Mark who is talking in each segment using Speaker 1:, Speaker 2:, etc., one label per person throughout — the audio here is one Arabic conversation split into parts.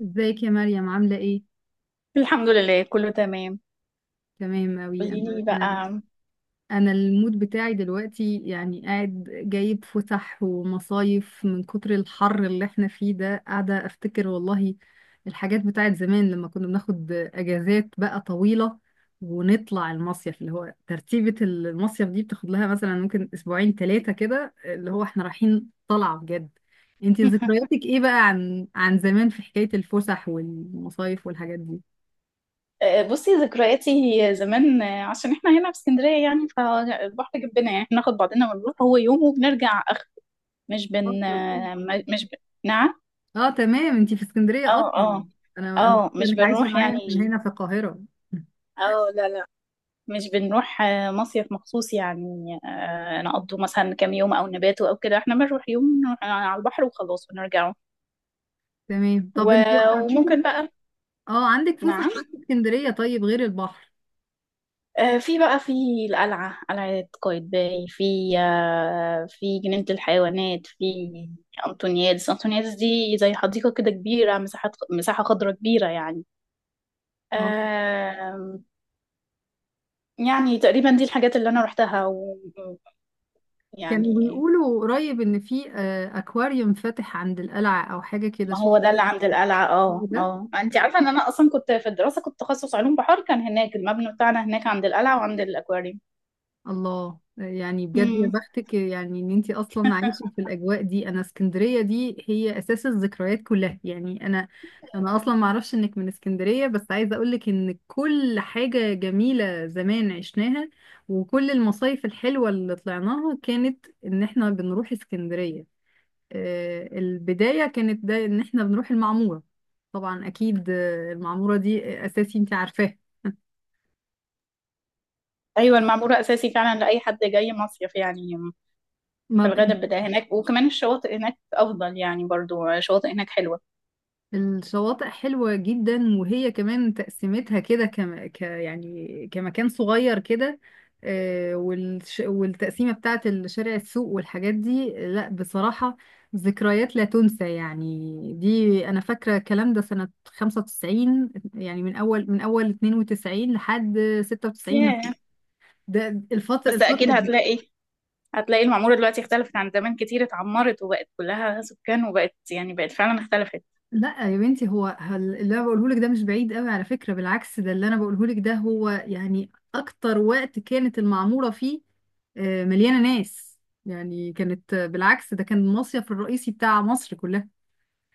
Speaker 1: ازيك يا مريم، عاملة ايه؟
Speaker 2: الحمد لله كله تمام.
Speaker 1: تمام اوي،
Speaker 2: قولي
Speaker 1: انا
Speaker 2: لي
Speaker 1: انا
Speaker 2: بقى.
Speaker 1: انا المود بتاعي دلوقتي، يعني قاعد جايب فسح ومصايف من كتر الحر اللي احنا فيه ده، قاعدة افتكر والله الحاجات بتاعت زمان لما كنا بناخد اجازات بقى طويلة ونطلع المصيف. اللي هو ترتيبة المصيف دي بتاخد لها مثلا ممكن اسبوعين ثلاثة كده، اللي هو احنا رايحين طلعة بجد. انتي ذكرياتك ايه بقى عن زمان في حكاية الفسح والمصايف والحاجات دي؟
Speaker 2: بصي ذكرياتي زمان. عشان احنا هنا في اسكندريه يعني فالبحر جنبنا يعني بناخد بعضنا ونروح هو يوم وبنرجع اخر. مش
Speaker 1: اه،
Speaker 2: بن
Speaker 1: تمام.
Speaker 2: آه، م- مش ب... نعم.
Speaker 1: اه، تمام، انتي في اسكندرية
Speaker 2: اه
Speaker 1: اصلا.
Speaker 2: اه
Speaker 1: انا
Speaker 2: اه،
Speaker 1: فاكرة
Speaker 2: مش
Speaker 1: انك عايشة
Speaker 2: بنروح
Speaker 1: معايا
Speaker 2: يعني.
Speaker 1: هنا في القاهرة.
Speaker 2: اه، لا، مش بنروح مصيف مخصوص يعني، نقضوا مثلا كام يوم او نباتوا او كده. احنا بنروح يوم نروح على البحر وخلاص ونرجعوا.
Speaker 1: تمام، طب انتوا
Speaker 2: وممكن
Speaker 1: عندكم،
Speaker 2: بقى.
Speaker 1: اه، عندك فسح
Speaker 2: نعم.
Speaker 1: ايه في اسكندرية طيب غير البحر؟
Speaker 2: في القلعة، قلعة قايتباي، في في جنينة الحيوانات، في أنطونيادس. أنطونيادس دي زي حديقة كده كبيرة، مساحة خضراء كبيرة يعني.
Speaker 1: اه،
Speaker 2: آم، يعني تقريبا دي الحاجات اللي أنا روحتها
Speaker 1: كانوا
Speaker 2: ويعني.
Speaker 1: بيقولوا قريب ان في اكواريوم فاتح عند القلعة او حاجة كده،
Speaker 2: ما
Speaker 1: شفت؟
Speaker 2: هو ده اللي عند القلعة. اه
Speaker 1: ده
Speaker 2: اه، انت عارفة ان انا اصلا كنت في الدراسة، كنت تخصص علوم بحر. كان هناك المبنى بتاعنا هناك عند القلعة وعند الاكواريوم.
Speaker 1: الله، يعني بجد يا
Speaker 2: مم.
Speaker 1: بختك يعني ان انتي اصلا عايشه في الاجواء دي. انا اسكندريه دي هي اساس الذكريات كلها يعني. انا انا اصلا ما اعرفش انك من اسكندريه، بس عايزه اقولك ان كل حاجه جميله زمان عشناها، وكل المصايف الحلوه اللي طلعناها كانت ان احنا بنروح اسكندريه. البدايه كانت ده ان احنا بنروح المعموره. طبعا اكيد، المعموره دي اساسي انتي عارفاها.
Speaker 2: ايوه، المعمورة اساسي فعلا لأي حد جاي مصيف يعني. في
Speaker 1: ما
Speaker 2: الغداء بتاع هناك، وكمان الشواطئ هناك أفضل يعني، برضو شواطئ هناك حلوة.
Speaker 1: الشواطئ حلوة جدا، وهي كمان تقسيمتها كده يعني كمكان صغير كده. والتقسيمة بتاعت الشارع السوق والحاجات دي، لا بصراحة ذكريات لا تنسى يعني. دي أنا فاكرة الكلام ده سنة 95، يعني من أول 92 لحد 96.
Speaker 2: ياه.
Speaker 1: ده الفترة
Speaker 2: بس
Speaker 1: الفترة.
Speaker 2: أكيد هتلاقي المعمورة دلوقتي اختلفت عن زمان كتير. اتعمرت وبقت كلها سكان، وبقت يعني بقت فعلا اختلفت.
Speaker 1: لا يا بنتي، هو هل اللي انا بقوله لك ده مش بعيد قوي على فكرة، بالعكس، ده اللي انا بقوله لك ده هو يعني اكتر وقت كانت المعمورة فيه مليانة ناس. يعني كانت، بالعكس، ده كان المصيف الرئيسي بتاع مصر كلها.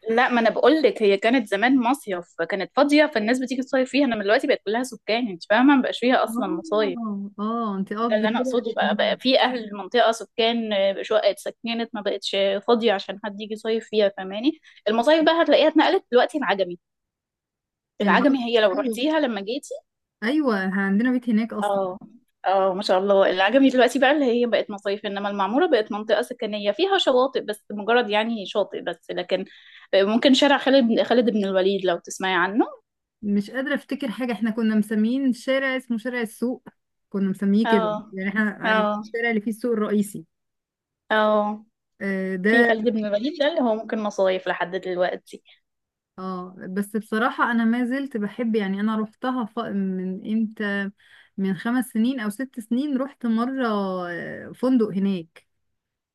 Speaker 2: لا، ما انا بقول لك هي كانت زمان مصيف، كانت فاضية فالناس بتيجي تصيف فيها، انما دلوقتي بقت كلها سكان. انت فاهمة؟ مبقاش فيها اصلا مصايف.
Speaker 1: اه، اه، انت
Speaker 2: ده اللي
Speaker 1: قصدك
Speaker 2: انا
Speaker 1: كده
Speaker 2: اقصده. بقى في اهل المنطقة سكان، شقق اتسكنت، ما بقتش فاضية عشان حد يجي يصيف فيها. فاهماني؟ المصايف بقى هتلاقيها اتنقلت دلوقتي العجمي. العجمي
Speaker 1: العكس.
Speaker 2: هي لو
Speaker 1: ايوه.
Speaker 2: رحتيها لما جيت.
Speaker 1: ايوه، عندنا بيت هناك اصلا.
Speaker 2: اه اه، ما شاء الله. العجمي دلوقتي بقى اللي هي بقت مصايف، انما المعمورة بقت منطقة سكنية فيها شواطئ بس، مجرد يعني شاطئ بس. لكن ممكن شارع خالد بن، خالد بن الوليد لو تسمعي عنه.
Speaker 1: مش قادرة افتكر حاجة. احنا كنا مسميين شارع اسمه شارع السوق، كنا مسميه كده،
Speaker 2: اه
Speaker 1: يعني احنا
Speaker 2: اه
Speaker 1: الشارع اللي فيه السوق الرئيسي.
Speaker 2: اه، في
Speaker 1: ده.
Speaker 2: خالد بن الوليد ده اللي هو ممكن مصايف لحد دلوقتي.
Speaker 1: اه، بس بصراحة أنا ما زلت بحب، يعني أنا روحتها من إمتى، من خمس سنين أو ست سنين رحت مرة. فندق هناك،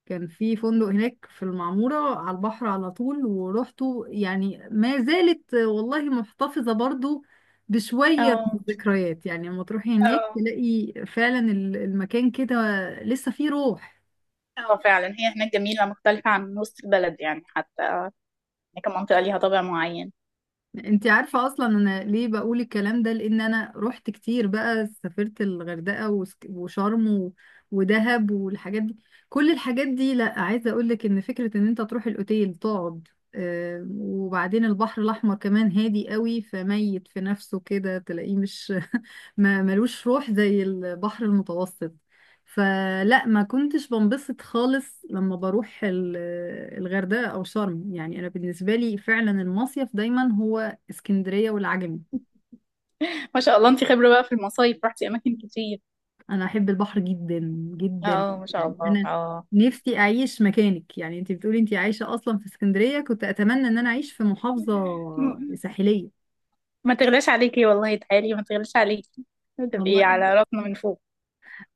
Speaker 1: كان في فندق هناك في المعمورة على البحر على طول، ورحته، يعني ما زالت، والله محتفظة برضو بشوية من
Speaker 2: اه
Speaker 1: الذكريات. يعني لما تروحي هناك
Speaker 2: اه
Speaker 1: تلاقي فعلا المكان كده لسه فيه روح.
Speaker 2: اه، فعلا هي هناك جميلة، مختلفة عن وسط البلد يعني. حتى هناك منطقة ليها طابع معين.
Speaker 1: انت عارفة اصلا انا ليه بقول الكلام ده؟ لان انا رحت كتير بقى، سافرت الغردقة وشرم ودهب والحاجات دي. كل الحاجات دي، لا، عايزة اقولك ان فكرة ان انت تروح الاوتيل تقعد، وبعدين البحر الاحمر كمان هادي قوي، فميت في نفسه كده، تلاقيه مش ما ملوش روح زي البحر المتوسط. فلا، ما كنتش بنبسط خالص لما بروح الغردقة أو شرم. يعني أنا بالنسبة لي فعلا المصيف دايما هو اسكندرية والعجمي.
Speaker 2: ما شاء الله، انت خبرة بقى في المصايف، رحتي أماكن كتير.
Speaker 1: انا احب البحر جدا جدا.
Speaker 2: اه، ما شاء
Speaker 1: يعني
Speaker 2: الله
Speaker 1: انا
Speaker 2: اه.
Speaker 1: نفسي اعيش مكانك. يعني انت بتقولي انت عايشة اصلا في اسكندرية، كنت اتمنى ان انا اعيش في محافظة ساحلية.
Speaker 2: ما تغلاش عليكي والله، تعالي، ما تغلاش عليكي، تبقي على
Speaker 1: والله.
Speaker 2: راسنا من فوق.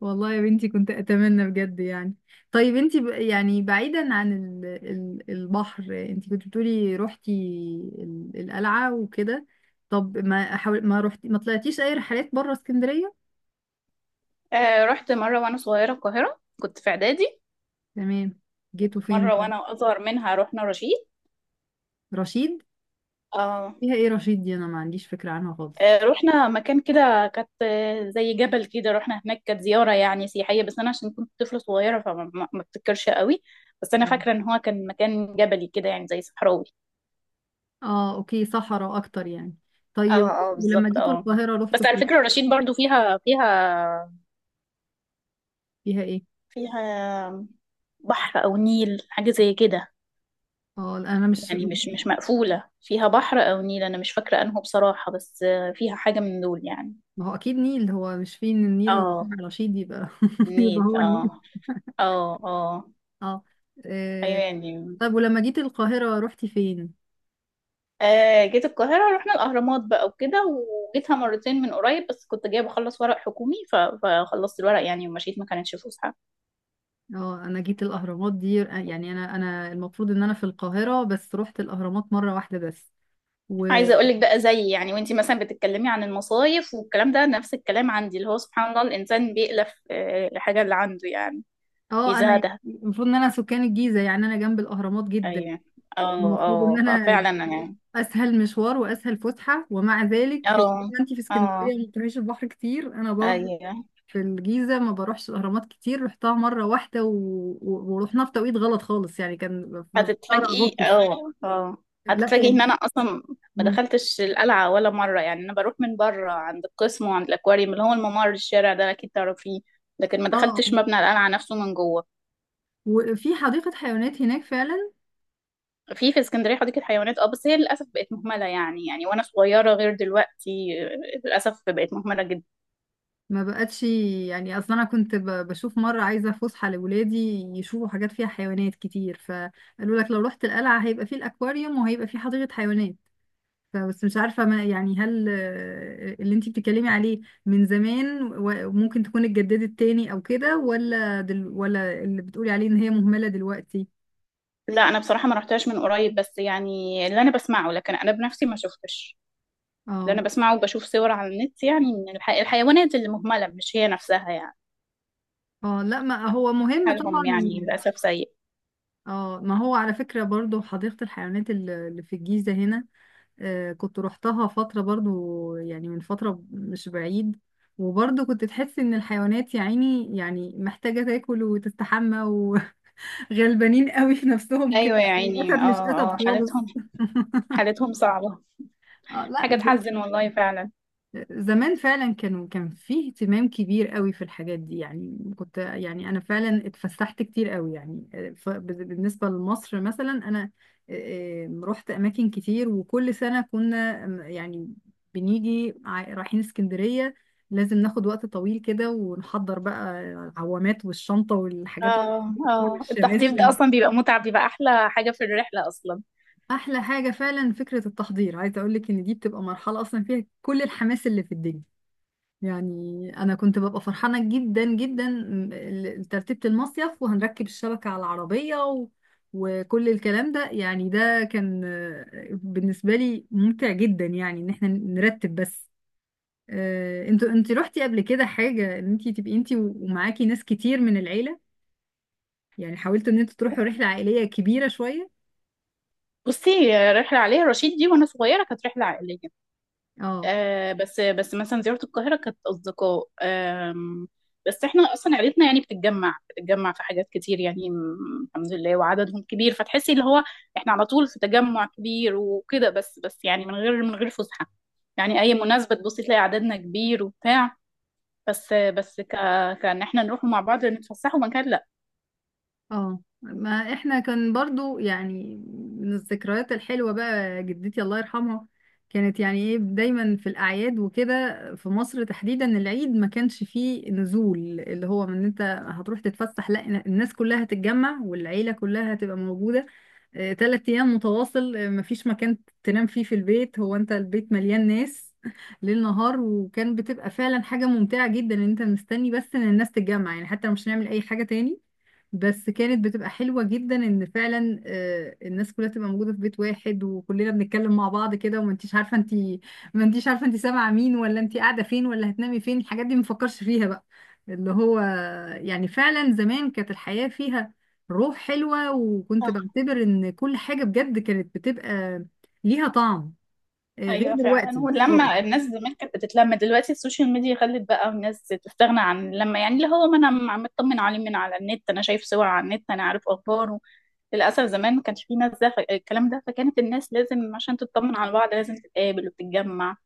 Speaker 1: والله يا بنتي كنت اتمنى بجد يعني. طيب انت يعني بعيدا عن البحر، انت كنت بتقولي روحتي القلعة وكده. طب، ما روحتي، ما طلعتيش اي رحلات بره اسكندرية؟
Speaker 2: آه رحت مرة وأنا صغيرة القاهرة، كنت في إعدادي.
Speaker 1: تمام. جيتوا فين
Speaker 2: مرة
Speaker 1: بقى؟
Speaker 2: وأنا أصغر منها رحنا رشيد.
Speaker 1: رشيد.
Speaker 2: آه.
Speaker 1: فيها ايه رشيد دي؟ انا ما عنديش فكرة عنها خالص.
Speaker 2: رحنا مكان كده، كانت زي جبل كده، رحنا هناك، كانت زيارة يعني سياحية. بس أنا عشان كنت طفلة صغيرة فما ما ما افتكرش قوي. بس أنا
Speaker 1: نعم.
Speaker 2: فاكرة إن هو كان مكان جبلي كده يعني زي صحراوي.
Speaker 1: اه، اوكي، صحراء اكتر يعني. طيب
Speaker 2: اه اه
Speaker 1: ولما
Speaker 2: بالظبط
Speaker 1: جيتوا
Speaker 2: اه.
Speaker 1: القاهرة رحتوا
Speaker 2: بس على
Speaker 1: فين؟
Speaker 2: فكرة رشيد برضو فيها فيها
Speaker 1: فيها ايه؟
Speaker 2: فيها بحر أو نيل حاجة زي كده
Speaker 1: اه، لا، انا مش.
Speaker 2: يعني، مش مقفولة، فيها بحر أو نيل. أنا مش فاكرة أنه بصراحة، بس فيها حاجة من دول يعني.
Speaker 1: ما هو اكيد نيل. هو مش فيه ان النيل، لو
Speaker 2: اه،
Speaker 1: فيه رشيد يبقى يبقى
Speaker 2: النيل.
Speaker 1: هو النيل.
Speaker 2: اه اه اه،
Speaker 1: اه.
Speaker 2: أيوة
Speaker 1: آه.
Speaker 2: يعني.
Speaker 1: طيب ولما جيت القاهرة رحتي فين؟
Speaker 2: آه جيت القاهرة رحنا الأهرامات بقى وكده، وجيتها مرتين من قريب بس كنت جاية بخلص ورق حكومي، فخلصت الورق يعني ومشيت، ما كانتش فسحة.
Speaker 1: اه، انا جيت الاهرامات دي، يعني انا المفروض ان انا في القاهرة، بس رحت الاهرامات مرة واحدة بس. و.
Speaker 2: عايزة أقولك بقى زي يعني، وانتي مثلا بتتكلمي عن المصايف والكلام ده، نفس الكلام عندي اللي هو سبحان الله الإنسان بيألف الحاجة اللي عنده يعني،
Speaker 1: اه،
Speaker 2: بيزهدها.
Speaker 1: المفروض ان انا سكان الجيزة، يعني انا جنب الاهرامات جدا.
Speaker 2: أيوة. اه
Speaker 1: المفروض
Speaker 2: اه
Speaker 1: ان انا
Speaker 2: ففعلا يعني.
Speaker 1: اسهل مشوار واسهل فسحه، ومع ذلك
Speaker 2: اه
Speaker 1: زي ما انت في
Speaker 2: اه
Speaker 1: اسكندريه ما بتروحيش البحر كتير، انا برضو
Speaker 2: ايوه.
Speaker 1: في الجيزه ما بروحش الاهرامات كتير، رحتها مره واحده ورحنا في توقيت غلط خالص، يعني كان في شهر
Speaker 2: هتتفاجئي
Speaker 1: اغسطس.
Speaker 2: اه اه،
Speaker 1: لا
Speaker 2: هتتفاجئي
Speaker 1: يعني.
Speaker 2: ان انا اصلا ما
Speaker 1: مم.
Speaker 2: دخلتش القلعه ولا مره يعني. انا بروح من بره عند القسم وعند الاكواريوم، اللي هو الممر الشارع ده اكيد تعرفيه، لكن ما
Speaker 1: اه. آه.
Speaker 2: دخلتش مبنى القلعه نفسه من جوه.
Speaker 1: وفي حديقه حيوانات هناك فعلا؟
Speaker 2: في في اسكندريه حديقه حيوانات اه، بس هي للاسف بقت مهمله يعني، يعني وانا صغيره غير دلوقتي. للاسف بقت مهمله جدا.
Speaker 1: ما بقتش يعني، اصلا انا كنت بشوف مره عايزه فسحه لاولادي يشوفوا حاجات فيها حيوانات كتير، فقالوا لك لو رحت القلعه هيبقى فيه الاكواريوم وهيبقى فيه حديقه حيوانات. فبس مش عارفة، ما يعني هل، اللي انتي بتتكلمي عليه من زمان وممكن تكون اتجددت تاني او كده، ولا ولا اللي بتقولي عليه ان هي مهملة دلوقتي؟
Speaker 2: لا، انا بصراحه ما رحتهاش من قريب، بس يعني اللي انا بسمعه، لكن انا بنفسي ما شفتش. اللي انا
Speaker 1: اه،
Speaker 2: بسمعه وبشوف صور على النت يعني من الحيوانات اللي مهملة، مش هي نفسها يعني
Speaker 1: اه، لا، ما هو مهم
Speaker 2: حالهم،
Speaker 1: طبعا.
Speaker 2: يعني للاسف سيء.
Speaker 1: اه، ما هو على فكرة برضو حديقة الحيوانات اللي في الجيزة هنا، كنت روحتها فترة برضو، يعني من فترة مش بعيد. وبرضو كنت تحس ان الحيوانات يا عيني يعني محتاجة تاكل وتستحمى، غلبانين قوي في نفسهم كده.
Speaker 2: ايوه يا عيني
Speaker 1: الاسد
Speaker 2: اه
Speaker 1: مش
Speaker 2: اه،
Speaker 1: اسد خالص.
Speaker 2: حالتهم، حالتهم صعبة،
Speaker 1: اه، لا،
Speaker 2: حاجة
Speaker 1: ب-.
Speaker 2: تحزن والله فعلا.
Speaker 1: زمان فعلا كان فيه اهتمام كبير قوي في الحاجات دي، يعني كنت، يعني انا فعلا اتفسحت كتير قوي يعني، بالنسبه لمصر مثلا، انا رحت اماكن كتير، وكل سنه كنا، يعني بنيجي رايحين اسكندريه، لازم ناخد وقت طويل كده ونحضر بقى العوامات والشنطه والحاجات
Speaker 2: اه
Speaker 1: الطويلة
Speaker 2: اه، التحضير ده
Speaker 1: والشماسي.
Speaker 2: اصلا بيبقى متعب، بيبقى احلى حاجة في الرحلة اصلا.
Speaker 1: احلى حاجه فعلا فكره التحضير، عايزه اقول لك ان دي بتبقى مرحله اصلا فيها كل الحماس اللي في الدنيا. يعني انا كنت ببقى فرحانه جدا جدا ترتيبه المصيف، وهنركب الشبكه على العربيه وكل الكلام ده. يعني ده كان، بالنسبه لي ممتع جدا يعني، ان احنا نرتب بس. انت رحتي قبل كده حاجه، ان انت تبقي انت ومعاكي ناس كتير من العيله؟ يعني حاولتوا ان انتوا تروحوا رحله عائليه كبيره شويه؟
Speaker 2: بصي، رحلة عليها رشيد دي وانا صغيرة كانت رحلة عائلية.
Speaker 1: اه،
Speaker 2: آه بس بس مثلا زيارة القاهرة كانت أصدقاء. بس احنا أصلا عيلتنا يعني بتتجمع في حاجات كتير يعني، الحمد لله وعددهم كبير، فتحسي اللي هو احنا على طول في تجمع كبير وكده، بس بس يعني من غير من غير فسحة يعني، أي مناسبة تبصي تلاقي عددنا كبير وبتاع، بس كأن احنا نروح مع بعض نتفسحوا مكان.
Speaker 1: اه، ما احنا كان برضو يعني من الذكريات الحلوة بقى، جدتي الله يرحمها كانت يعني ايه، دايما في الاعياد وكده، في مصر تحديدا العيد ما كانش فيه نزول اللي هو من انت هتروح تتفسح، لا، الناس كلها هتتجمع والعيلة كلها هتبقى موجودة، تلات ايام متواصل. مفيش مكان تنام فيه في البيت، هو انت البيت مليان ناس ليل نهار. وكان بتبقى فعلا حاجة ممتعة جدا ان انت مستني بس ان الناس تتجمع، يعني حتى لو مش هنعمل اي حاجة تاني، بس كانت بتبقى حلوة جدا ان فعلا، الناس كلها تبقى موجودة في بيت واحد، وكلنا بنتكلم مع بعض كده، وما انتيش عارفة انتي ما انتيش عارفة انتي سامعة مين، ولا انتي قاعدة فين، ولا هتنامي فين. الحاجات دي مفكرش فيها بقى، اللي هو. يعني فعلا زمان كانت الحياة فيها روح حلوة، وكنت
Speaker 2: لا.
Speaker 1: بعتبر ان كل حاجة بجد كانت بتبقى ليها طعم، غير
Speaker 2: ايوه فعلا،
Speaker 1: دلوقتي خالص.
Speaker 2: ولما الناس زمان كانت بتتلم، دلوقتي السوشيال ميديا خلت بقى الناس تستغنى عن اللمه يعني، اللي هو ما انا مطمن عليه من على النت، انا شايف صور على النت، انا عارف اخباره. للاسف زمان ما كانش في ناس ده، الكلام ده، فكانت الناس لازم عشان تطمن على بعض لازم تتقابل وتتجمع.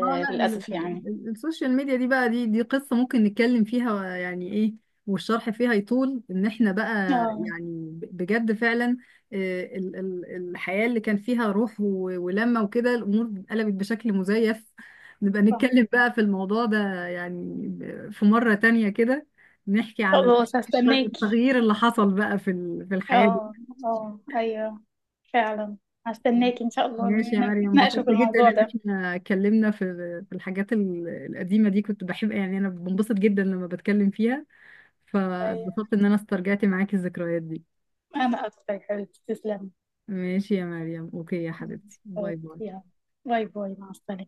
Speaker 1: اه، لا،
Speaker 2: للاسف يعني.
Speaker 1: السوشيال ميديا دي بقى، دي قصة ممكن نتكلم فيها، يعني ايه والشرح فيها يطول، ان احنا بقى،
Speaker 2: اه
Speaker 1: يعني بجد فعلا، الحياة اللي كان فيها روح ولمة وكده، الامور قلبت بشكل مزيف. نبقى
Speaker 2: آه.
Speaker 1: نتكلم بقى في الموضوع ده، يعني في مرة تانية كده، نحكي على
Speaker 2: خلاص، هستناكي.
Speaker 1: التغيير اللي حصل بقى في في الحياة.
Speaker 2: اه اه ايوه فعلا، هستناكي ان شاء الله
Speaker 1: ماشي يا مريم،
Speaker 2: نتناقشوا
Speaker 1: انبسطت
Speaker 2: في
Speaker 1: جدا
Speaker 2: الموضوع
Speaker 1: ان
Speaker 2: ده.
Speaker 1: احنا اتكلمنا في الحاجات القديمة دي. كنت بحب، يعني انا بنبسط جدا لما بتكلم فيها،
Speaker 2: ايوه،
Speaker 1: فاتبسطت ان انا استرجعت معاكي الذكريات دي.
Speaker 2: انا اكتر يا حبيبتي، تسلمي.
Speaker 1: ماشي يا مريم، اوكي يا حبيبتي، باي
Speaker 2: أوكي،
Speaker 1: باي.
Speaker 2: يلا، باي باي، مع السلامة.